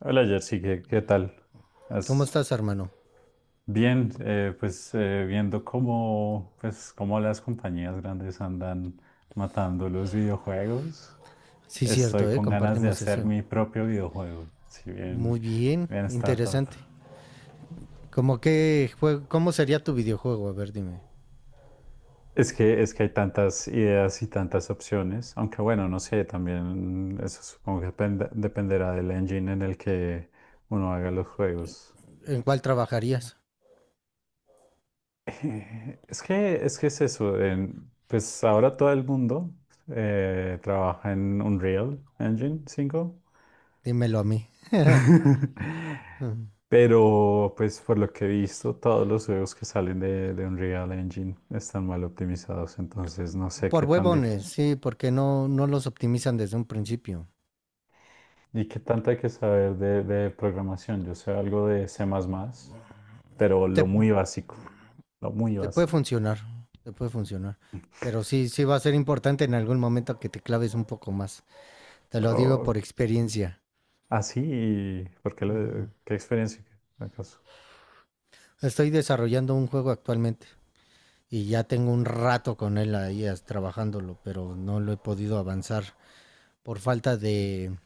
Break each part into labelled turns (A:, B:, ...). A: Hola Jersey, ¿qué tal?
B: ¿Cómo
A: ¿Has-
B: estás, hermano?
A: Bien, pues viendo cómo, pues, cómo las compañías grandes andan matando los videojuegos,
B: Sí,
A: estoy
B: cierto, ¿eh?
A: con ganas de
B: Compartimos
A: hacer
B: eso.
A: mi propio videojuego, si
B: Muy
A: bien,
B: bien,
A: bien startup.
B: interesante. ¿Cómo sería tu videojuego? A ver, dime.
A: Es que hay tantas ideas y tantas opciones, aunque bueno, no sé, también eso supongo que dependerá del engine en el que uno haga los juegos.
B: ¿En cuál trabajarías?
A: Es que, es que es eso. Pues ahora todo el mundo trabaja en Unreal Engine 5.
B: Dímelo a mí. Ujú.
A: Pero pues por lo que he visto, todos los juegos que salen de Unreal Engine están mal optimizados. Entonces no sé
B: Por
A: qué tan difícil,
B: huevones, sí, porque no los optimizan desde un principio.
A: y qué tanto hay que saber de programación. Yo sé algo de C++, pero
B: Te,
A: lo muy básico. Lo muy
B: te puede
A: básico.
B: funcionar, te puede funcionar. Pero sí, sí va a ser importante en algún momento que te claves un poco más. Te lo digo
A: Oh,
B: por experiencia.
A: así, ¿
B: Ujú.
A: qué experiencia acaso?
B: Estoy desarrollando un juego actualmente. Y ya tengo un rato con él ahí trabajándolo, pero no lo he podido avanzar por falta de,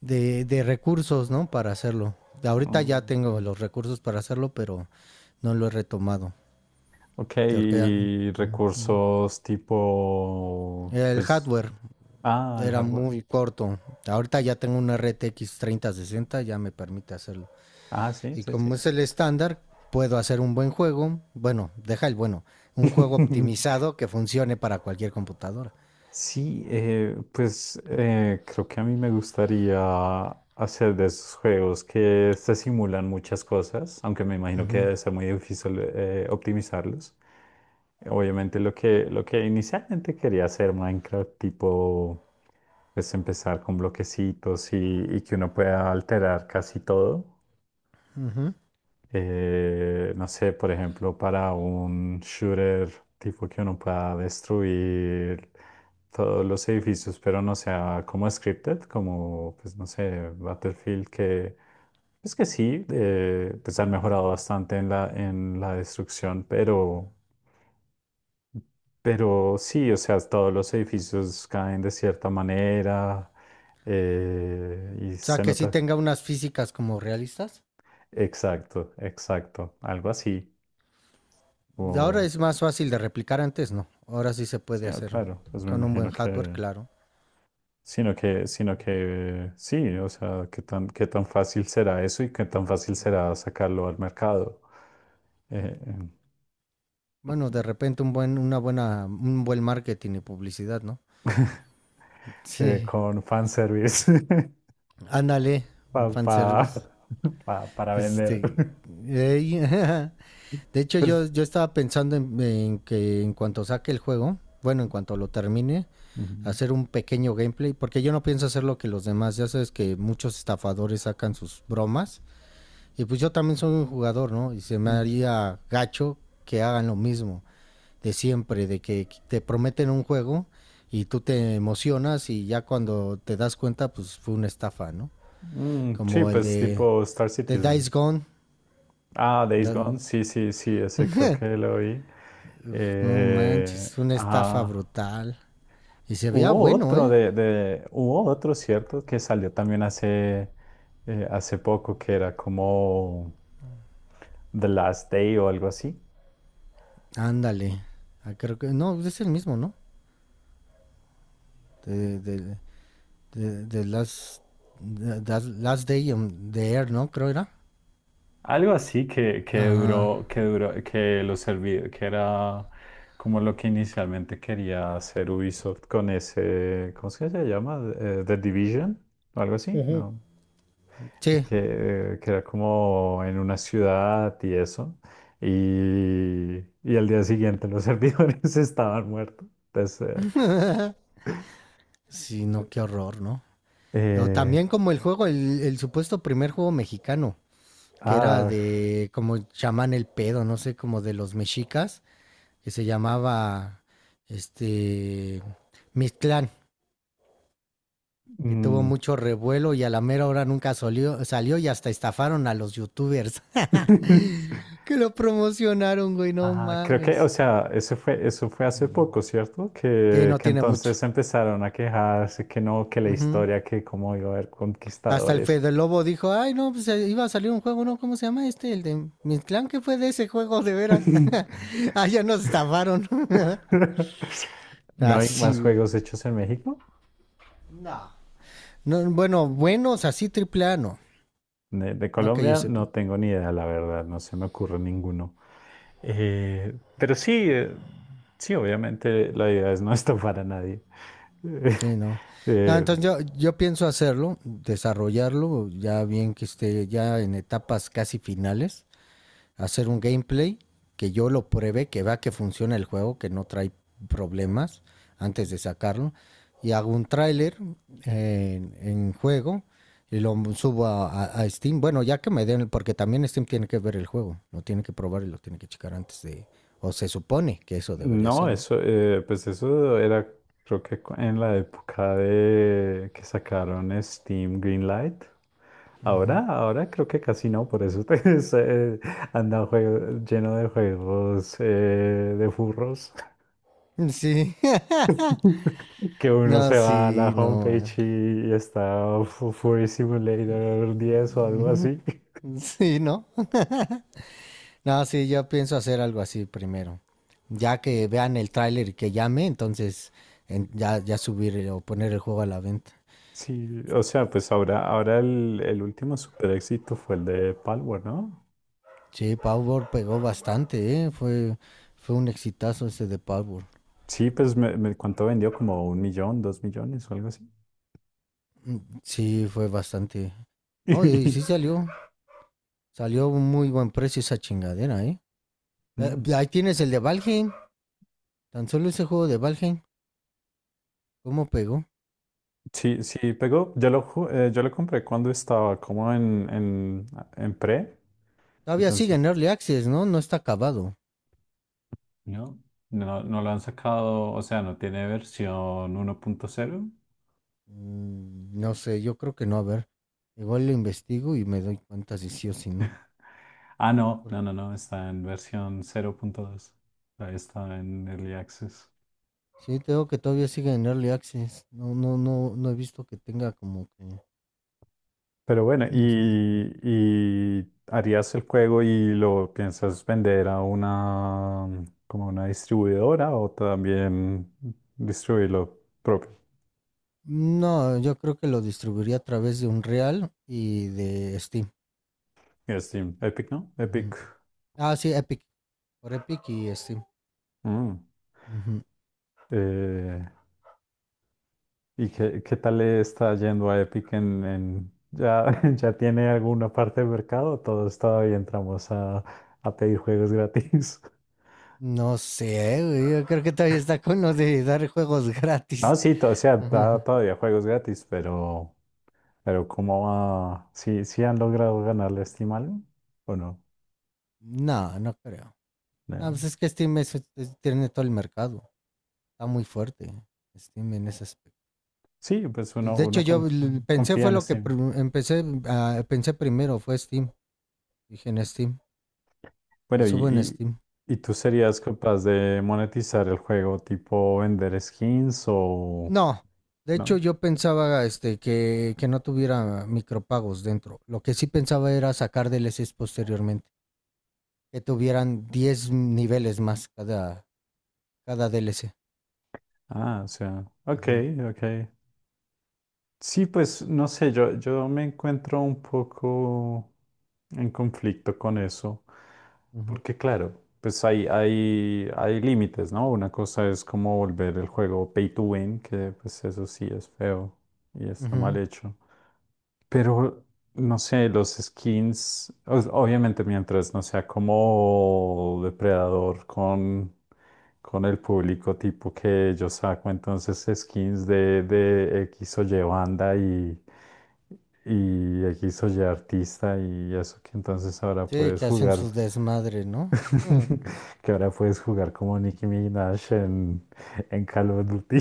B: de, de recursos, ¿no? Para hacerlo. Ahorita ya
A: Mm.
B: tengo los recursos para hacerlo, pero no lo he retomado.
A: Ok,
B: Porque
A: y recursos tipo,
B: el
A: pues,
B: hardware
A: ah, el
B: era
A: hardware.
B: muy corto. Ahorita ya tengo una RTX 3060, ya me permite hacerlo.
A: Ah, sí,
B: Y
A: sí, sí.
B: como es el estándar, puedo hacer un buen juego. Bueno, deja el bueno. Un juego optimizado que funcione para cualquier computadora.
A: Sí, pues creo que a mí me gustaría hacer de esos juegos que se simulan muchas cosas, aunque me imagino que
B: Ujú,
A: debe ser muy difícil optimizarlos. Obviamente lo que inicialmente quería hacer Minecraft, tipo, pues empezar con bloquecitos y que uno pueda alterar casi todo.
B: ujú.
A: No sé, por ejemplo, para un shooter tipo que uno pueda destruir todos los edificios, pero no sea como scripted, como, pues no sé, Battlefield, que es que sí, pues han mejorado bastante en en la destrucción, pero sí, o sea, todos los edificios caen de cierta manera y
B: O sea,
A: se
B: que sí
A: nota.
B: tenga unas físicas como realistas.
A: Exacto, exacto, algo así.
B: Ahora es más fácil de replicar, antes no. Ahora sí se
A: Sí,
B: puede
A: ah,
B: hacer
A: claro, pues me
B: con un buen
A: imagino
B: hardware,
A: que,
B: claro.
A: sino que sí, o sea, qué tan fácil será eso y qué tan fácil será sacarlo al mercado. eh,
B: Bueno, de repente un buen, una buena, un buen marketing y publicidad, ¿no?
A: eh,
B: Sí,
A: con fanservice.
B: ándale, un
A: pa- pa-
B: fanservice.
A: para vender.
B: Este, eh, de hecho, yo,
A: Pues,
B: yo estaba pensando en que en cuanto saque el juego, bueno, en cuanto lo termine,
A: ujú.
B: hacer un pequeño gameplay, porque yo no pienso hacer lo que los demás, ya sabes que muchos estafadores sacan sus bromas. Y pues yo también soy un jugador, ¿no? Y se me
A: Mm,
B: haría gacho que hagan lo mismo de siempre, de que te prometen un juego y tú te emocionas y ya cuando te das cuenta, pues fue una estafa, ¿no?
A: mm, sí,
B: Como el
A: pues
B: de,
A: tipo Star
B: de
A: Citizen.
B: Dice Gone.
A: Ah, Days Gone, sí, sí, sí, ese creo que lo vi.
B: No manches, una estafa
A: Ajá.
B: brutal. Y se veía
A: Hubo
B: bueno,
A: otro
B: ¿eh?
A: hubo otro, ¿cierto? Que salió también hace, hace poco, que era como The Last Day o algo así.
B: Ándale. Ah, creo que, no, es el mismo, ¿no? De, de, de, de Last, de Last Day on the Air, ¿no? Creo era.
A: Algo así que,
B: Ajá.
A: que duró, que lo serví, que era como lo que inicialmente quería hacer Ubisoft con ese, ¿cómo es que se llama? The Division o algo así,
B: Ujú.
A: ¿no?
B: Sí.
A: Que era como en una ciudad y eso. Y al día siguiente los servidores estaban muertos. Entonces,
B: Sí, no, qué horror, ¿no? O
A: eh,
B: también
A: eh,
B: como el juego, el supuesto primer juego mexicano, que era
A: ah,
B: de como llaman el pedo, no sé, como de los mexicas, que se llamaba este Mictlán, que tuvo
A: mm,
B: mucho revuelo y a la mera hora nunca salió y hasta estafaron a los youtubers que lo promocionaron, güey, no
A: ajá, creo que, o
B: mames.
A: sea, eso fue hace
B: Mm.
A: poco, ¿cierto?
B: Sí, no
A: Que
B: tiene mucho.
A: entonces empezaron a quejarse que no, que la
B: Ujú.
A: historia, que cómo iba a haber
B: Hasta el
A: conquistadores.
B: Fede Lobo dijo, ay, no, pues iba a salir un juego, ¿no? ¿Cómo se llama este? El de mi clan, ¿qué fue de ese juego, de veras? Ah, ya nos estafaron.
A: ¿No hay más
B: Así, güey.
A: juegos hechos en México?
B: No. No. Bueno, buenos, así triple A, no.
A: De
B: No que yo
A: Colombia no
B: sepa.
A: tengo ni idea, la verdad, no se me ocurre ninguno. Pero sí, sí, obviamente la idea es no estafar a nadie. Eh,
B: Sí, no. No
A: eh,
B: entonces yo pienso hacerlo, desarrollarlo, ya bien que esté ya en etapas casi finales. Hacer un gameplay que yo lo pruebe, que vea que funciona el juego, que no trae problemas antes de sacarlo. Y hago un tráiler en juego y lo subo a Steam. Bueno, ya que me den, porque también Steam tiene que ver el juego, lo tiene que probar y lo tiene que checar antes de. O se supone que eso debería
A: no,
B: ser, ¿no?
A: eso, pues eso era, creo que en la época de que sacaron Steam Greenlight.
B: Uh
A: Ahora, ahora creo que casi no, por eso te anda lleno de juegos de furros.
B: -huh. Sí,
A: Que uno
B: no,
A: se va a la
B: sí, no.
A: homepage
B: Ah.
A: y está Fury Simulator 10 o algo así.
B: Sí, no. No, sí, yo pienso hacer algo así primero. Ya que vean el tráiler y que llame, entonces ya, ya subir o poner el juego a la venta.
A: Sí, o sea, pues ahora, ahora el último super éxito fue el de Palworld, ¿no?
B: Sí, Power pegó bastante, ¿eh? Fue un exitazo ese de Power.
A: Sí, pues ¿cuánto vendió? Como un millón, dos millones o algo así.
B: Mm. Sí, fue bastante. No, y sí salió. Salió a un muy buen precio esa chingadera, ¿eh? Eh,
A: Mm,
B: pues ahí tienes el de Valheim. Tan solo ese juego de Valheim. ¿Cómo pegó?
A: sí, sí, pegó. Yo lo compré cuando estaba como en pre,
B: Todavía sigue en
A: entonces
B: Early Access, ¿no? No está acabado.
A: no, no lo han sacado, o sea, no tiene versión 1.0.
B: Mm, no sé, yo creo que no, a ver. Igual lo investigo y me doy cuenta si sí o si no.
A: Ah,
B: Porque
A: no, está en versión 0.2. Ahí está en Early Access.
B: sí, tengo que todavía sigue en Early Access. No, no, no, no he visto que tenga como que...
A: Pero bueno,
B: Mm.
A: ¿ y harías el juego y lo piensas vender a una, como una distribuidora o también distribuirlo propio?
B: No, yo creo que lo distribuiría a través de Unreal y de Steam.
A: En Steam, Epic, ¿no?
B: Ujú.
A: Epic.
B: Ah, sí, Epic. Por Epic y Steam.
A: Mm.
B: Ujú.
A: Eh, ¿ qué tal le está yendo a Epic en, ya, ya tiene alguna parte del mercado? Todos todavía entramos a pedir juegos gratis.
B: No sé, güey, yo creo que todavía está con lo de dar juegos
A: No,
B: gratis.
A: sí, o sea, da
B: Ajá.
A: todavía juegos gratis, pero ¿cómo va? ¿Sí, sí han logrado ganarle a Steam algo? ¿O no?
B: No, no creo. Ah,
A: No.
B: pues es que Steam tiene todo el mercado. Está muy fuerte Steam en ese aspecto.
A: Sí, pues
B: De hecho, yo pensé
A: confía
B: fue
A: en
B: lo que
A: Steam.
B: empecé, pensé primero, fue Steam. Dije en Steam, lo
A: Bueno,
B: subo en Steam.
A: ¿y tú serías capaz de monetizar el juego tipo vender skins o
B: No, de hecho
A: no?
B: yo pensaba este, que no tuviera micropagos dentro. Lo que sí pensaba era sacar DLCs posteriormente, que tuvieran 10 niveles más cada DLC.
A: Ah, o sea, ok,
B: Ujú,
A: ok. Sí, pues no sé, yo me encuentro un poco en conflicto con eso,
B: ujú,
A: porque claro, pues hay límites, ¿no? Una cosa es como volver el juego pay to win, que pues eso sí es feo y está mal
B: ujú.
A: hecho. Pero, no sé, los skins, obviamente mientras no sea como depredador con el público tipo que yo saco, entonces skins de X o Y banda y X o Y artista y eso que entonces ahora
B: Sí,
A: puedes
B: que hacen
A: jugar,
B: su desmadre, ¿no? Mm.
A: que ahora puedes jugar como Nicki Minaj en Call of Duty.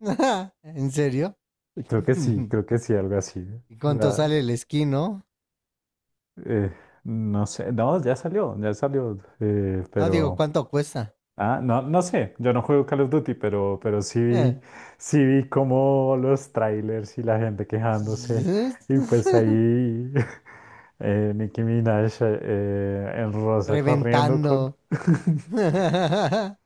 B: ¿En serio?
A: Creo que sí, algo así.
B: ¿Y cuánto sale el skin, no?
A: Eh, no sé, no, ya salió,
B: No digo,
A: pero...
B: ¿cuánto cuesta?
A: Ah, no, no sé, yo no juego Call of Duty, pero
B: Eh.
A: sí vi como los trailers y la gente quejándose. Y pues ahí Nicki Minaj en rosa corriendo con...
B: Reventando.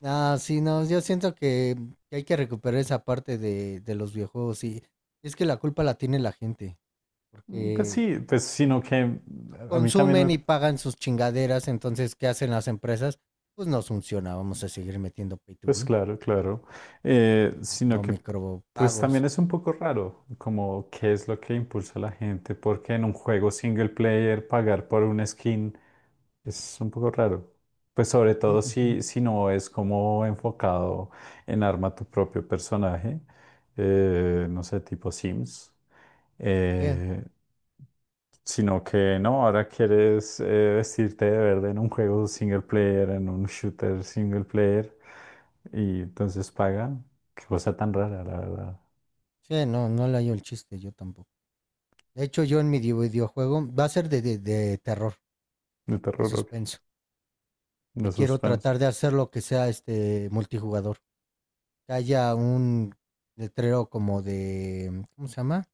B: No, sí, no, yo siento que hay que recuperar esa parte de los videojuegos, y es que la culpa la tiene la gente,
A: Pues
B: porque
A: sí, pues sino que a mí también me,
B: consumen y pagan sus chingaderas. Entonces, ¿qué hacen las empresas? Pues no funciona, vamos a seguir metiendo pay to
A: pues
B: win,
A: claro, claro. Sino
B: no
A: que pues también
B: micropagos.
A: es un poco raro como qué es lo que impulsa a la gente, porque en un juego single player pagar por un skin es un poco raro. Pues sobre
B: Mm,
A: todo
B: ujú.
A: si, si no es como enfocado en arma tu propio personaje, no sé, tipo Sims,
B: Eh,
A: eh, sino que no, ahora quieres vestirte de verde en un juego single player, en un shooter single player. Y entonces pagan. Qué cosa tan rara, la verdad.
B: sí, no, no le hallo el chiste, yo tampoco. De hecho, yo en mi videojuego va a ser de terror.
A: De
B: De
A: terror, ok.
B: suspenso.
A: De
B: Y quiero
A: suspenso.
B: tratar de hacer lo que sea este multijugador. Que haya un letrero como de, ¿cómo se llama?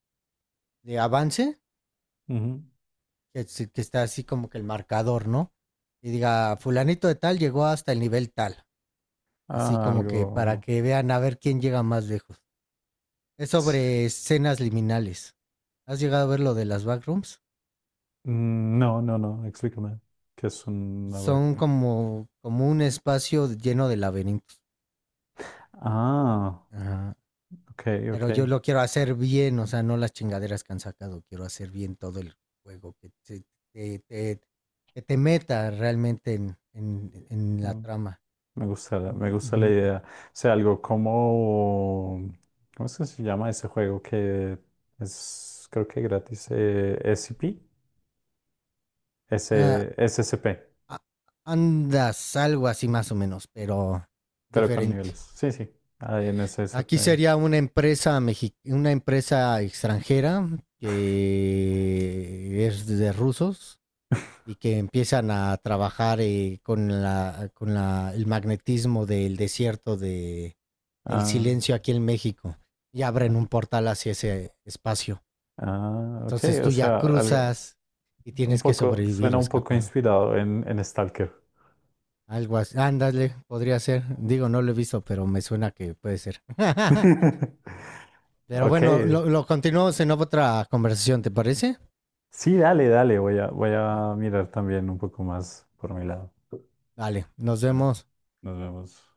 B: De avance,
A: Ujú.
B: que está así como que el marcador, ¿no? Y diga, fulanito de tal llegó hasta el nivel tal. Así
A: Ah,
B: como que para
A: algo.
B: que vean a ver quién llega más lejos. Es
A: Sí.
B: sobre escenas liminales. ¿Has llegado a ver lo de las backrooms?
A: Mm, no, no, no. Explícame. ¿Qué es una
B: Son
A: backroom?
B: como un espacio lleno de laberintos.
A: Ah,
B: Ajá.
A: ok, ok.
B: Pero yo lo quiero hacer bien, o sea, no las chingaderas que han sacado. Quiero hacer bien todo el juego, te- te- que te meta realmente en la
A: Mm,
B: trama.
A: me gusta,
B: Mm,
A: me gusta la
B: mm.
A: idea. O sea, algo como. ¿Cómo es que se llama ese juego que es, creo que gratis? SCP
B: Ah,
A: SCP,
B: andas algo así más o menos, pero
A: pero con
B: diferente.
A: niveles. Sí, sí. Ahí en S SCP.
B: Aquí sería una empresa extranjera que es de rusos y que empiezan a trabajar el magnetismo del desierto de del
A: Ah.
B: silencio aquí en México y abren un portal hacia ese espacio.
A: Ah, ok,
B: Entonces
A: o
B: tú ya
A: sea, algo
B: cruzas y
A: un
B: tienes que
A: poco,
B: sobrevivir
A: suena
B: o
A: un poco
B: escapar.
A: inspirado en Stalker.
B: Algo así. Ándale, podría ser. Digo, no lo he visto, pero me suena que puede ser. Pero
A: Ok,
B: bueno, lo continuamos en otra conversación, ¿te parece?
A: sí, dale, dale, voy a mirar también un poco más por mi lado.
B: Vale, nos
A: Bueno,
B: vemos.
A: nos vemos.